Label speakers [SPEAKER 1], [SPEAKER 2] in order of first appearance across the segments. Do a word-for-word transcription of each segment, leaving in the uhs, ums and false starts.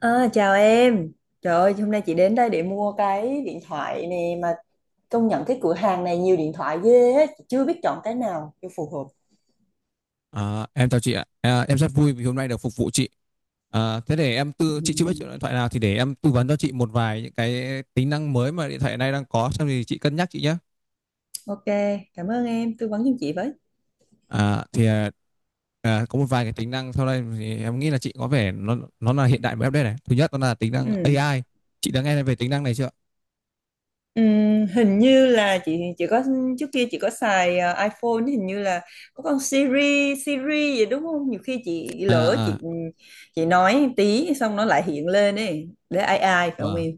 [SPEAKER 1] À, chào em. Trời ơi, hôm nay chị đến đây để mua cái điện thoại nè, mà công nhận cái cửa hàng này nhiều điện thoại ghê á, chị chưa biết chọn cái nào cho phù hợp.
[SPEAKER 2] À, em chào chị ạ. À, em rất vui vì hôm nay được phục vụ chị. À, thế để em tư chị chưa biết
[SPEAKER 1] Ừm,
[SPEAKER 2] chọn điện thoại nào thì để em tư vấn cho chị một vài những cái tính năng mới mà điện thoại này đang có xong thì chị cân nhắc chị nhé.
[SPEAKER 1] Ok, cảm ơn em tư vấn giùm chị với.
[SPEAKER 2] À, thì à, à, có một vài cái tính năng sau đây thì em nghĩ là chị có vẻ nó nó là hiện đại và update này. Thứ nhất đó là tính năng
[SPEAKER 1] Ừm,
[SPEAKER 2] a i. Chị đã nghe về tính năng này chưa?
[SPEAKER 1] ừm, hình như là chị chị có, trước kia chị có xài ờ, iPhone, hình như là có con Siri Siri gì đúng không? Nhiều khi chị lỡ
[SPEAKER 2] À
[SPEAKER 1] chị, ừ, chị nói tí xong nó lại hiện lên ấy, để ai ai phải không
[SPEAKER 2] à.
[SPEAKER 1] em?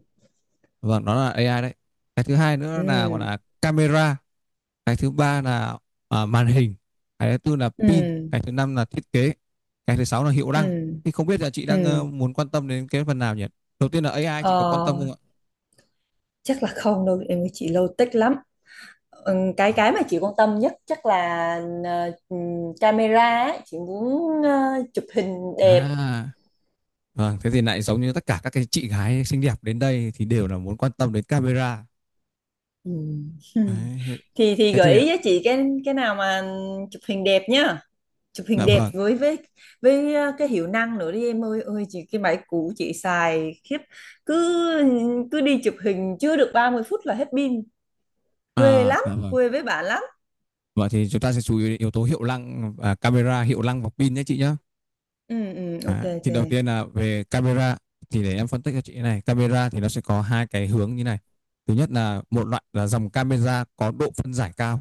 [SPEAKER 2] Vâng, đó là a i đấy. Cái thứ hai nữa là gọi
[SPEAKER 1] Ừm.
[SPEAKER 2] là camera. Cái thứ ba là à, màn hình. Cái thứ tư là pin.
[SPEAKER 1] Ừm.
[SPEAKER 2] Cái thứ năm là thiết kế. Cái thứ sáu là hiệu năng.
[SPEAKER 1] Ừm.
[SPEAKER 2] Thì không biết là chị đang ờ,
[SPEAKER 1] Ừm.
[SPEAKER 2] muốn quan tâm đến cái phần nào nhỉ? Đầu tiên là a i, chị có quan tâm
[SPEAKER 1] Ờ,
[SPEAKER 2] không ạ?
[SPEAKER 1] chắc là không đâu em ơi, chị lâu tích lắm. Ừm, cái cái mà chị quan tâm nhất chắc là ờ, ừm, camera ấy. Chị muốn ờ, chụp hình đẹp.
[SPEAKER 2] à vâng, thế thì lại giống như tất cả các cái chị gái xinh đẹp đến đây thì đều là muốn quan tâm đến camera.
[SPEAKER 1] Ừm.
[SPEAKER 2] Đấy, thế
[SPEAKER 1] thì thì
[SPEAKER 2] thế
[SPEAKER 1] gợi
[SPEAKER 2] thì
[SPEAKER 1] ý cho chị cái cái nào mà chụp hình đẹp nhá, chụp hình
[SPEAKER 2] dạ
[SPEAKER 1] đẹp
[SPEAKER 2] vâng.
[SPEAKER 1] với với với ờ, cái hiệu năng nữa đi em ơi ơi, chị cái máy cũ chị xài khiếp, cứ cứ đi chụp hình chưa được ba mươi phút là hết pin, quê
[SPEAKER 2] À
[SPEAKER 1] lắm,
[SPEAKER 2] dạ vâng.
[SPEAKER 1] quê với bạn lắm.
[SPEAKER 2] Vậy thì chúng ta sẽ chú ý đến yếu tố hiệu năng, à, camera, hiệu năng và pin nhé chị nhé.
[SPEAKER 1] Ừ, ừ, ok,
[SPEAKER 2] À,
[SPEAKER 1] ok,
[SPEAKER 2] thì
[SPEAKER 1] ừ
[SPEAKER 2] đầu tiên là về camera, thì để em phân tích cho chị này. Camera thì nó sẽ có hai cái hướng như này. Thứ nhất là một loại là dòng camera có độ phân giải cao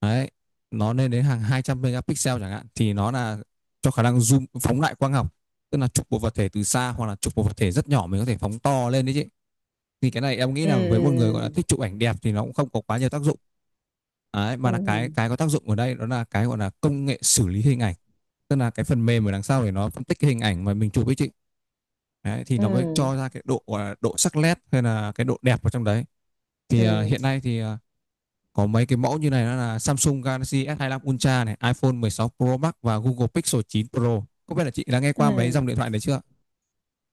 [SPEAKER 2] đấy, nó lên đến hàng hai trăm megapixel chẳng hạn, thì nó là cho khả năng zoom phóng đại quang học, tức là chụp một vật thể từ xa hoặc là chụp một vật thể rất nhỏ mình có thể phóng to lên đấy chị. Thì cái này em nghĩ là với một người
[SPEAKER 1] ừ.
[SPEAKER 2] gọi là thích chụp ảnh đẹp thì nó cũng không có quá nhiều tác dụng. Đấy,
[SPEAKER 1] Ừ.
[SPEAKER 2] mà
[SPEAKER 1] Ừ.
[SPEAKER 2] là cái
[SPEAKER 1] Ừ.
[SPEAKER 2] cái có tác dụng ở đây đó là cái gọi là công nghệ xử lý hình ảnh. Tức là cái phần mềm ở đằng sau để nó phân tích cái hình ảnh mà mình chụp ấy chị. Đấy, thì nó mới
[SPEAKER 1] Ừ.
[SPEAKER 2] cho ra cái độ gọi là độ sắc nét hay là cái độ đẹp ở trong đấy. Thì à,
[SPEAKER 1] Ừ.
[SPEAKER 2] hiện nay thì à, có mấy cái mẫu như này, đó là Samsung Galaxy ét hai mươi lăm Ultra này, iPhone mười sáu Pro Max và Google Pixel chín Pro. Không biết là chị đã nghe qua mấy dòng
[SPEAKER 1] Ừ.
[SPEAKER 2] điện thoại đấy chưa?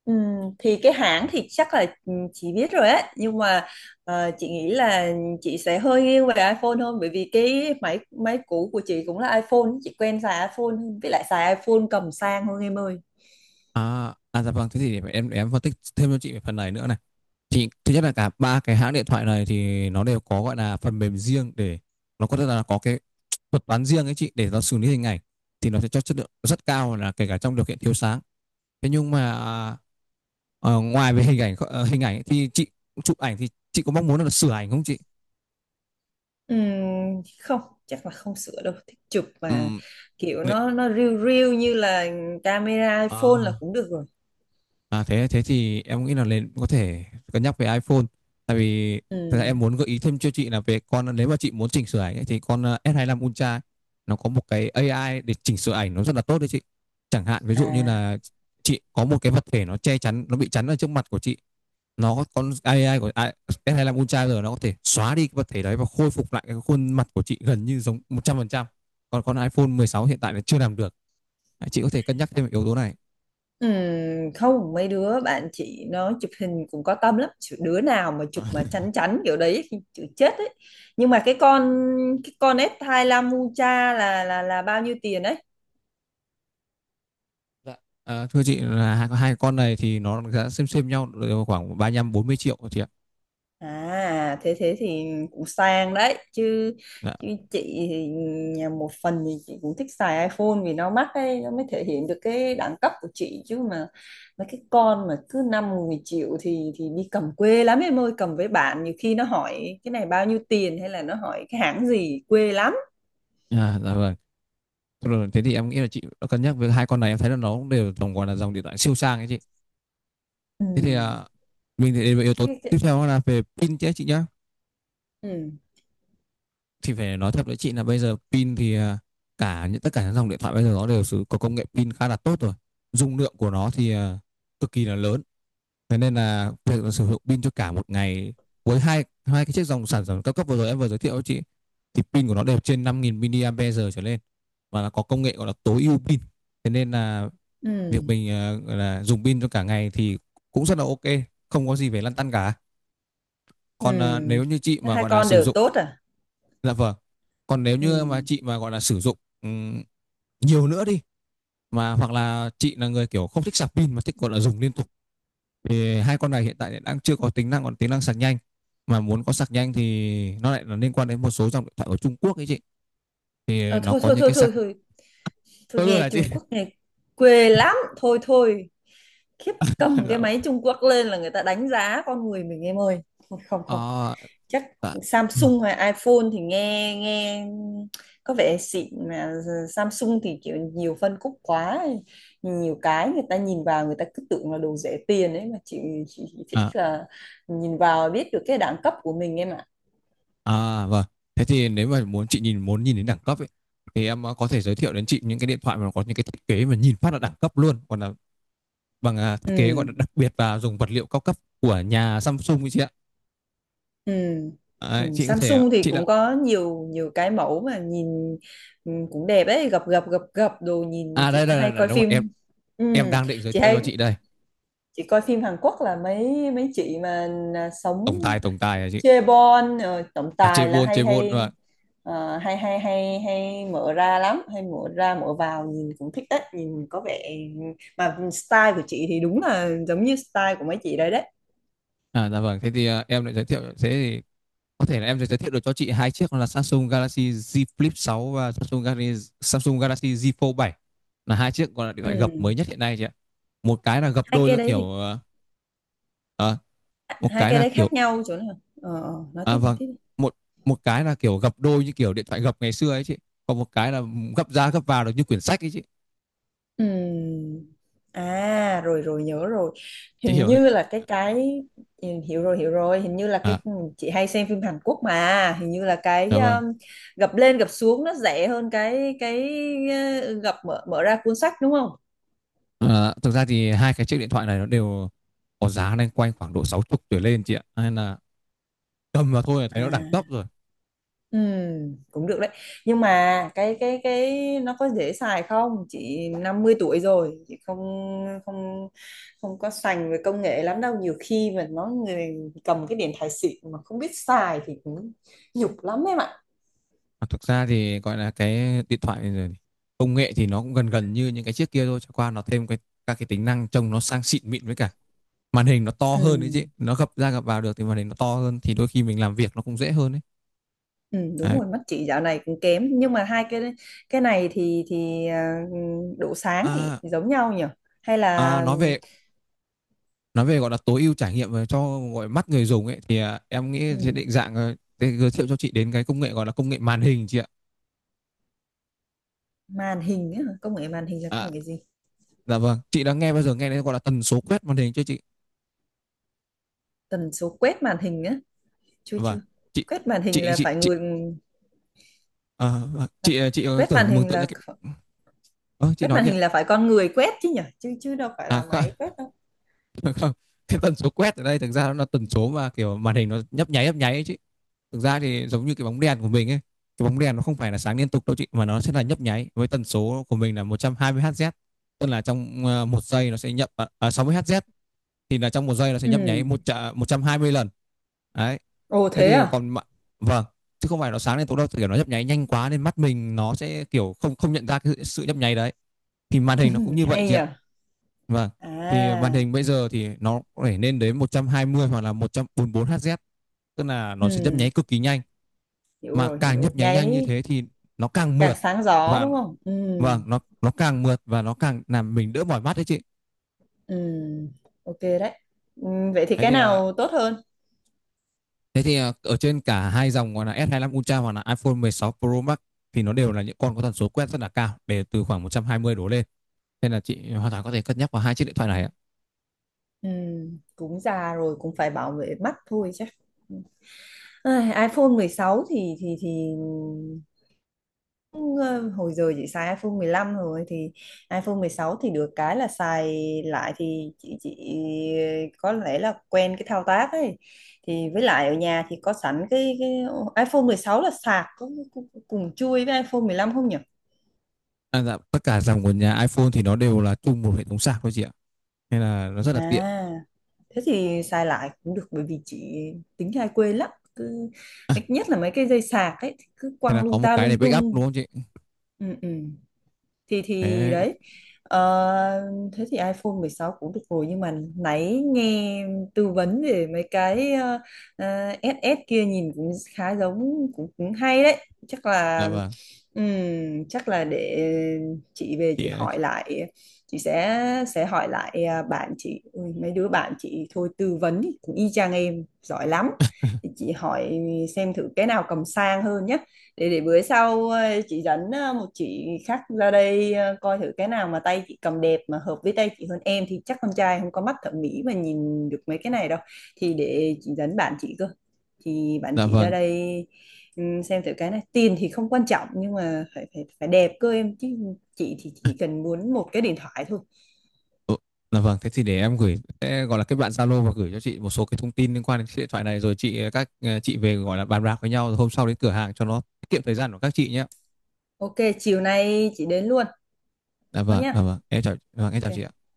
[SPEAKER 1] Ừ. Thì cái hãng thì chắc là, ừ, chị biết rồi á, nhưng mà ờ, chị nghĩ là chị sẽ hơi nghiêng về iPhone hơn, bởi vì cái máy máy cũ của chị cũng là iPhone, chị quen xài iPhone hơn, với lại xài iPhone cầm sang hơn em ơi.
[SPEAKER 2] À, à dạ vâng, thế thì để em để em phân tích thêm cho chị về phần này nữa này. Thì thứ nhất là cả ba cái hãng điện thoại này thì nó đều có gọi là phần mềm riêng để nó có rất là có cái thuật toán riêng ấy chị để nó xử lý hình ảnh, thì nó sẽ cho chất lượng rất cao là kể cả trong điều kiện thiếu sáng. Thế nhưng mà ờ, ngoài về hình ảnh ờ, hình ảnh ấy, thì chị chụp ảnh thì chị có mong muốn là sửa ảnh không chị?
[SPEAKER 1] Ừ, không, chắc là không sửa đâu, thích chụp
[SPEAKER 2] Ừ.
[SPEAKER 1] mà, kiểu
[SPEAKER 2] nị-
[SPEAKER 1] nó nó riu riu như là camera iPhone là
[SPEAKER 2] À.
[SPEAKER 1] cũng được rồi.
[SPEAKER 2] À thế thế thì em nghĩ là nên có thể cân nhắc về iPhone, tại vì thật ra
[SPEAKER 1] Ừ.
[SPEAKER 2] em muốn gợi ý thêm cho chị là về con nếu mà chị muốn chỉnh sửa ảnh ấy, thì con ờ, ét hai mươi lăm Ultra ấy, nó có một cái a i để chỉnh sửa ảnh nó rất là tốt đấy chị. Chẳng hạn ví dụ như
[SPEAKER 1] À.
[SPEAKER 2] là chị có một cái vật thể nó che chắn nó bị chắn ở trước mặt của chị, nó có con a i của a i ét hai mươi lăm Ultra rồi nó có thể xóa đi cái vật thể đấy và khôi phục lại cái khuôn mặt của chị gần như giống một trăm phần trăm. Còn con iPhone mười sáu hiện tại là chưa làm được. Chị có thể cân nhắc thêm về yếu tố này.
[SPEAKER 1] Ừm, không, mấy đứa bạn chị nó chụp hình cũng có tâm lắm, chứ đứa nào mà chụp mà chắn chắn kiểu đấy thì chịu chết ấy. Nhưng mà cái con cái con ét hai mươi lăm Ucha là là là bao nhiêu tiền đấy?
[SPEAKER 2] Dạ. À, thưa chị là hai, hai con này thì nó giá xem xem nhau đều khoảng ba lăm bốn mươi triệu chị ạ.
[SPEAKER 1] À, thế thế thì cũng sang đấy chứ,
[SPEAKER 2] Dạ.
[SPEAKER 1] chứ chị thì, nhà một phần thì chị cũng thích xài iPhone vì nó mắc ấy, nó mới thể hiện được cái đẳng cấp của chị. Chứ mà mấy cái con mà cứ năm mười triệu thì thì đi cầm quê lắm em ơi, cầm với bạn nhiều khi nó hỏi cái này bao nhiêu tiền hay là nó hỏi cái hãng gì, quê lắm.
[SPEAKER 2] À, dạ vâng. Rồi, thế thì em nghĩ là chị đã cân nhắc với hai con này, em thấy là nó cũng đều tổng gọi là dòng điện thoại siêu sang ấy chị.
[SPEAKER 1] Ừ.
[SPEAKER 2] Thế thì à, mình thì đến với yếu tố
[SPEAKER 1] Cái-
[SPEAKER 2] tiếp
[SPEAKER 1] cái-
[SPEAKER 2] theo là về pin chứ chị nhá.
[SPEAKER 1] ừ.
[SPEAKER 2] Thì phải nói thật với chị là bây giờ pin thì à, cả những tất cả những dòng điện thoại bây giờ nó đều sử có công nghệ pin khá là tốt rồi. Dung lượng của nó thì à, cực kỳ là lớn. Thế nên là việc là sử dụng pin cho cả một ngày với hai hai cái chiếc dòng sản phẩm cao cấp vừa rồi em vừa giới thiệu cho chị thì pin của nó đều trên năm nghìn mAh trở lên và nó có công nghệ gọi là tối ưu pin. Thế nên là
[SPEAKER 1] Ừ.
[SPEAKER 2] việc mình ờ, là dùng pin cho cả ngày thì cũng rất là ok, không có gì phải lăn tăn cả.
[SPEAKER 1] Ừ.
[SPEAKER 2] Còn ờ, nếu như chị
[SPEAKER 1] Thế,
[SPEAKER 2] mà
[SPEAKER 1] Hai
[SPEAKER 2] gọi là
[SPEAKER 1] con
[SPEAKER 2] sử
[SPEAKER 1] đều
[SPEAKER 2] dụng
[SPEAKER 1] tốt à?
[SPEAKER 2] dạ vâng. Còn nếu như mà
[SPEAKER 1] Ừ.
[SPEAKER 2] chị mà gọi là sử dụng ừm, nhiều nữa đi, mà hoặc là chị là người kiểu không thích sạc pin mà thích gọi là dùng liên tục, thì hai con này hiện tại đang chưa có tính năng còn tính năng sạc nhanh. Mà muốn có sạc nhanh thì nó lại là liên quan đến một số dòng điện thoại ở Trung Quốc ấy chị, thì
[SPEAKER 1] Ờ,
[SPEAKER 2] nó
[SPEAKER 1] thôi
[SPEAKER 2] có
[SPEAKER 1] thôi
[SPEAKER 2] những
[SPEAKER 1] thôi
[SPEAKER 2] cái
[SPEAKER 1] thôi
[SPEAKER 2] sạc
[SPEAKER 1] thôi thôi,
[SPEAKER 2] tôi luôn
[SPEAKER 1] nghe
[SPEAKER 2] là chị.
[SPEAKER 1] Trung Quốc nghe quê lắm, thôi thôi, khiếp, cầm cái
[SPEAKER 2] Dạ.
[SPEAKER 1] máy Trung Quốc lên là người ta đánh giá con người mình em ơi. Không, không,
[SPEAKER 2] à,
[SPEAKER 1] chắc
[SPEAKER 2] dạ.
[SPEAKER 1] Samsung hay iPhone thì nghe nghe có vẻ xịn mà. Samsung thì kiểu nhiều phân khúc quá, nhiều cái người ta nhìn vào người ta cứ tưởng là đồ rẻ tiền ấy mà chị, chị thích
[SPEAKER 2] à,
[SPEAKER 1] là nhìn vào biết được cái đẳng cấp của mình em ạ.
[SPEAKER 2] à vâng, thế thì nếu mà muốn chị nhìn muốn nhìn đến đẳng cấp ấy, thì em ờ, có thể giới thiệu đến chị những cái điện thoại mà có những cái thiết kế mà nhìn phát là đẳng cấp luôn, còn là bằng à, thiết kế gọi
[SPEAKER 1] Ừ.
[SPEAKER 2] là đặc biệt và dùng vật liệu cao cấp của nhà Samsung ấy chị ạ.
[SPEAKER 1] Ừ. Ừ.
[SPEAKER 2] Đấy, chị có thể
[SPEAKER 1] Samsung thì
[SPEAKER 2] chị là
[SPEAKER 1] cũng có nhiều nhiều cái mẫu mà nhìn ừ, cũng đẹp ấy, gập gập gập gập đồ, nhìn
[SPEAKER 2] à
[SPEAKER 1] chị
[SPEAKER 2] đây
[SPEAKER 1] có-
[SPEAKER 2] đây
[SPEAKER 1] hay
[SPEAKER 2] đây, đây
[SPEAKER 1] coi
[SPEAKER 2] đúng rồi em.
[SPEAKER 1] phim. Ừ.
[SPEAKER 2] Em đang định giới
[SPEAKER 1] chị
[SPEAKER 2] thiệu cho
[SPEAKER 1] hay
[SPEAKER 2] chị đây.
[SPEAKER 1] chị coi phim Hàn Quốc là mấy mấy chị mà à, sống
[SPEAKER 2] Tổng tài tổng tài à chị.
[SPEAKER 1] chaebol rồi tổng
[SPEAKER 2] À,
[SPEAKER 1] tài là
[SPEAKER 2] Chevron,
[SPEAKER 1] hay
[SPEAKER 2] Chevron và
[SPEAKER 1] hay. Ờ, hay hay hay hay mở ra lắm, hay mở ra mở vào, nhìn cũng thích đấy, nhìn có vẻ mà style của chị thì đúng là giống như style của mấy chị đấy đấy.
[SPEAKER 2] à dạ vâng, thế thì à, em lại giới thiệu thế thì có thể là em sẽ giới thiệu được cho chị hai chiếc đó là Samsung Galaxy Z Flip sáu và Samsung Galaxy Samsung Galaxy Z Fold bảy là hai chiếc gọi là điện thoại gập mới
[SPEAKER 1] Ừ.
[SPEAKER 2] nhất hiện nay chị ạ. Một cái là gập
[SPEAKER 1] hai
[SPEAKER 2] đôi
[SPEAKER 1] cái
[SPEAKER 2] là
[SPEAKER 1] đấy thì
[SPEAKER 2] kiểu à, à, một
[SPEAKER 1] Hai
[SPEAKER 2] cái
[SPEAKER 1] cái
[SPEAKER 2] là
[SPEAKER 1] đấy
[SPEAKER 2] kiểu
[SPEAKER 1] khác nhau chỗ nào, ờ, ờ, nói
[SPEAKER 2] à
[SPEAKER 1] tiếp nói
[SPEAKER 2] vâng,
[SPEAKER 1] tiếp đi.
[SPEAKER 2] một một cái là kiểu gập đôi như kiểu điện thoại gập ngày xưa ấy chị. Còn một cái là gập ra gập vào được như quyển sách ấy chị.
[SPEAKER 1] Ừm, à rồi rồi nhớ rồi,
[SPEAKER 2] Chị
[SPEAKER 1] hình
[SPEAKER 2] hiểu ấy.
[SPEAKER 1] như là cái cái ừ, hiểu rồi hiểu rồi, hình như là cái
[SPEAKER 2] À
[SPEAKER 1] chị hay xem phim Hàn Quốc, mà hình như là cái
[SPEAKER 2] dạ vâng.
[SPEAKER 1] um, gập lên gập xuống nó rẻ hơn cái cái uh, gập, mở mở ra cuốn sách đúng không?
[SPEAKER 2] À, thực ra thì hai cái chiếc điện thoại này nó đều có giá lên quanh khoảng độ sáu mươi tuổi lên chị ạ. Nên là cầm vào thôi là thấy nó đẳng cấp
[SPEAKER 1] À.
[SPEAKER 2] rồi.
[SPEAKER 1] Ừ, cũng được đấy, nhưng mà cái cái cái nó có dễ xài không, chị năm mươi tuổi rồi, chị không không không có sành về công nghệ lắm đâu, nhiều khi mà nó người cầm cái điện thoại xịn mà không biết xài thì cũng nhục lắm em ạ.
[SPEAKER 2] Mà thực ra thì gọi là cái điện thoại rồi công nghệ thì nó cũng gần gần như những cái chiếc kia thôi, chẳng qua nó thêm cái các cái tính năng trông nó sang xịn mịn, với cả màn hình nó to hơn đấy chứ,
[SPEAKER 1] Ừ,
[SPEAKER 2] nó gập ra gập vào được thì màn hình nó to hơn thì đôi khi mình làm việc nó cũng dễ hơn đấy,
[SPEAKER 1] ừ, đúng
[SPEAKER 2] đấy.
[SPEAKER 1] rồi, mắt chị dạo này cũng kém, nhưng mà hai cái cái này thì thì à, độ sáng thì
[SPEAKER 2] À,
[SPEAKER 1] giống nhau nhỉ, hay
[SPEAKER 2] à
[SPEAKER 1] là
[SPEAKER 2] nói về nói về gọi là tối ưu trải nghiệm về cho gọi mắt người dùng ấy thì à, em nghĩ sẽ
[SPEAKER 1] ừ,
[SPEAKER 2] định dạng ờ, giới thiệu cho chị đến cái công nghệ gọi là công nghệ màn hình chị ạ.
[SPEAKER 1] màn hình á, công nghệ màn hình là
[SPEAKER 2] à,
[SPEAKER 1] công nghệ gì?
[SPEAKER 2] dạ vâng, chị đã nghe bao giờ nghe đến gọi là tần số quét màn hình chưa chị?
[SPEAKER 1] Tần số quét màn hình, chưa
[SPEAKER 2] Dạ vâng,
[SPEAKER 1] chưa.
[SPEAKER 2] chị
[SPEAKER 1] quét màn hình
[SPEAKER 2] chị
[SPEAKER 1] là
[SPEAKER 2] chị
[SPEAKER 1] phải
[SPEAKER 2] chị.
[SPEAKER 1] người
[SPEAKER 2] Ờ, ờ,
[SPEAKER 1] là,
[SPEAKER 2] chị, ờ, chị, ờ,
[SPEAKER 1] quét màn
[SPEAKER 2] tưởng mường
[SPEAKER 1] hình
[SPEAKER 2] tượng ra
[SPEAKER 1] là
[SPEAKER 2] cái ờ, chị
[SPEAKER 1] quét
[SPEAKER 2] nói
[SPEAKER 1] màn
[SPEAKER 2] đi ạ.
[SPEAKER 1] hình là phải con người quét chứ nhỉ, chứ chứ đâu phải là
[SPEAKER 2] À, kha
[SPEAKER 1] máy quét đâu.
[SPEAKER 2] Được không, cái tần số quét ở đây thực ra nó là tần số mà kiểu màn hình nó nhấp nháy nhấp nháy ấy chứ thực ra thì giống như cái bóng đèn của mình ấy. Cái bóng đèn nó không phải là sáng liên tục đâu chị, mà nó sẽ là nhấp nháy với tần số của mình là một trăm hai mươi Hz, tức là trong ờ, một giây nó sẽ nhấp à, à, sáu mươi Hz, thì là trong một giây nó sẽ nhấp nháy
[SPEAKER 1] Ừ.
[SPEAKER 2] một à, một trăm hai mươi lần đấy.
[SPEAKER 1] Ồ,
[SPEAKER 2] Thế
[SPEAKER 1] thế
[SPEAKER 2] thì
[SPEAKER 1] à?
[SPEAKER 2] còn vâng, chứ không phải nó sáng liên tục đâu, kiểu nó nhấp nháy nhanh quá nên mắt mình nó sẽ kiểu không không nhận ra cái sự nhấp nháy đấy, thì màn hình nó cũng như vậy
[SPEAKER 1] Hay
[SPEAKER 2] chị
[SPEAKER 1] nhỉ.
[SPEAKER 2] ạ. Vâng, thì màn
[SPEAKER 1] À.
[SPEAKER 2] hình bây giờ thì nó phải lên đến một trăm hai mươi hoặc là một trăm bốn mươi tư Hz, tức là
[SPEAKER 1] Ừ,
[SPEAKER 2] nó sẽ nhấp nháy cực kỳ nhanh,
[SPEAKER 1] hiểu
[SPEAKER 2] mà
[SPEAKER 1] rồi, hiểu
[SPEAKER 2] càng
[SPEAKER 1] rồi,
[SPEAKER 2] nhấp nháy nhanh như
[SPEAKER 1] nháy
[SPEAKER 2] thế thì nó càng
[SPEAKER 1] càng
[SPEAKER 2] mượt
[SPEAKER 1] sáng gió
[SPEAKER 2] và
[SPEAKER 1] đúng không? Ừ.
[SPEAKER 2] vâng nó nó càng mượt và nó càng làm mình đỡ mỏi mắt đấy chị.
[SPEAKER 1] Ừ, ok đấy. Ừ, vậy thì
[SPEAKER 2] thế
[SPEAKER 1] cái
[SPEAKER 2] thì à,
[SPEAKER 1] nào tốt hơn?
[SPEAKER 2] Thế thì à, ở trên cả hai dòng gọi là s hai mươi lăm Ultra hoặc là iPhone mười sáu Pro Max thì nó đều là những con có tần số quét rất là cao để từ khoảng một trăm hai mươi đổ lên, nên là chị hoàn toàn có thể cân nhắc vào hai chiếc điện thoại này ạ.
[SPEAKER 1] Ừ, cũng già rồi cũng phải bảo vệ mắt thôi chứ. Ai, iPhone mười sáu thì thì thì ờ, hồi giờ chị xài iPhone mười lăm rồi, thì iPhone mười sáu thì được cái là xài lại, thì chị chị có lẽ là quen cái thao tác ấy, thì với lại ở nhà thì có sẵn cái, cái iPhone mười sáu, là sạc cũng cũng- cũng cùng chui với iPhone mười lăm không nhỉ?
[SPEAKER 2] À, dạ, tất cả dòng của nhà iPhone thì nó đều là chung một hệ thống sạc thôi chị ạ, nên là nó rất là tiện.
[SPEAKER 1] À, thế thì xài lại cũng được, bởi vì chị tính hay quên lắm, cứ nhất là mấy cái dây sạc ấy thì cứ
[SPEAKER 2] Thế là
[SPEAKER 1] quăng
[SPEAKER 2] có
[SPEAKER 1] lung
[SPEAKER 2] một
[SPEAKER 1] ta
[SPEAKER 2] cái để
[SPEAKER 1] lung
[SPEAKER 2] backup đúng
[SPEAKER 1] tung.
[SPEAKER 2] không chị?
[SPEAKER 1] Ừ, ừ, thì thì
[SPEAKER 2] Thế
[SPEAKER 1] đấy. Ờ, thế thì iPhone mười sáu cũng được rồi, nhưng mà nãy nghe tư vấn về mấy cái ờ, ờ, ét ét kia nhìn cũng khá giống, cũng, cũng hay đấy. Chắc
[SPEAKER 2] là
[SPEAKER 1] là,
[SPEAKER 2] vâng.
[SPEAKER 1] ừm, chắc là để chị về chị hỏi
[SPEAKER 2] Chị
[SPEAKER 1] lại, chị sẽ sẽ hỏi lại à, bạn chị. Ui, mấy đứa bạn chị thôi tư vấn cũng y chang em, giỏi lắm, thì chị hỏi xem thử cái nào cầm sang hơn nhá, để để bữa sau ờ, chị dẫn ờ, một chị khác ra đây ờ, coi thử cái nào mà tay chị cầm đẹp mà hợp với tay chị hơn, em thì chắc con trai không có mắt thẩm mỹ mà nhìn được mấy cái này đâu, thì để chị dẫn bạn chị cơ, thì bạn
[SPEAKER 2] là
[SPEAKER 1] chị ra
[SPEAKER 2] vâng.
[SPEAKER 1] đây. Ừm, xem thử cái này tiền thì không quan trọng, nhưng mà phải phải phải đẹp cơ em chứ, chị thì chỉ cần muốn một cái điện thoại thôi.
[SPEAKER 2] Ừ, là vâng, thế thì để em gửi sẽ gọi là kết bạn Zalo và gửi cho chị một số cái thông tin liên quan đến chiếc điện thoại này rồi chị các ờ, chị về gọi là bàn bạc với nhau rồi hôm sau đến cửa hàng cho nó tiết kiệm thời gian của các chị nhé.
[SPEAKER 1] Ok, chiều nay chị đến luôn.
[SPEAKER 2] Là
[SPEAKER 1] Thôi
[SPEAKER 2] vâng, là
[SPEAKER 1] nhá.
[SPEAKER 2] vâng, em chào, vâng, em chào chị
[SPEAKER 1] Ok
[SPEAKER 2] ạ.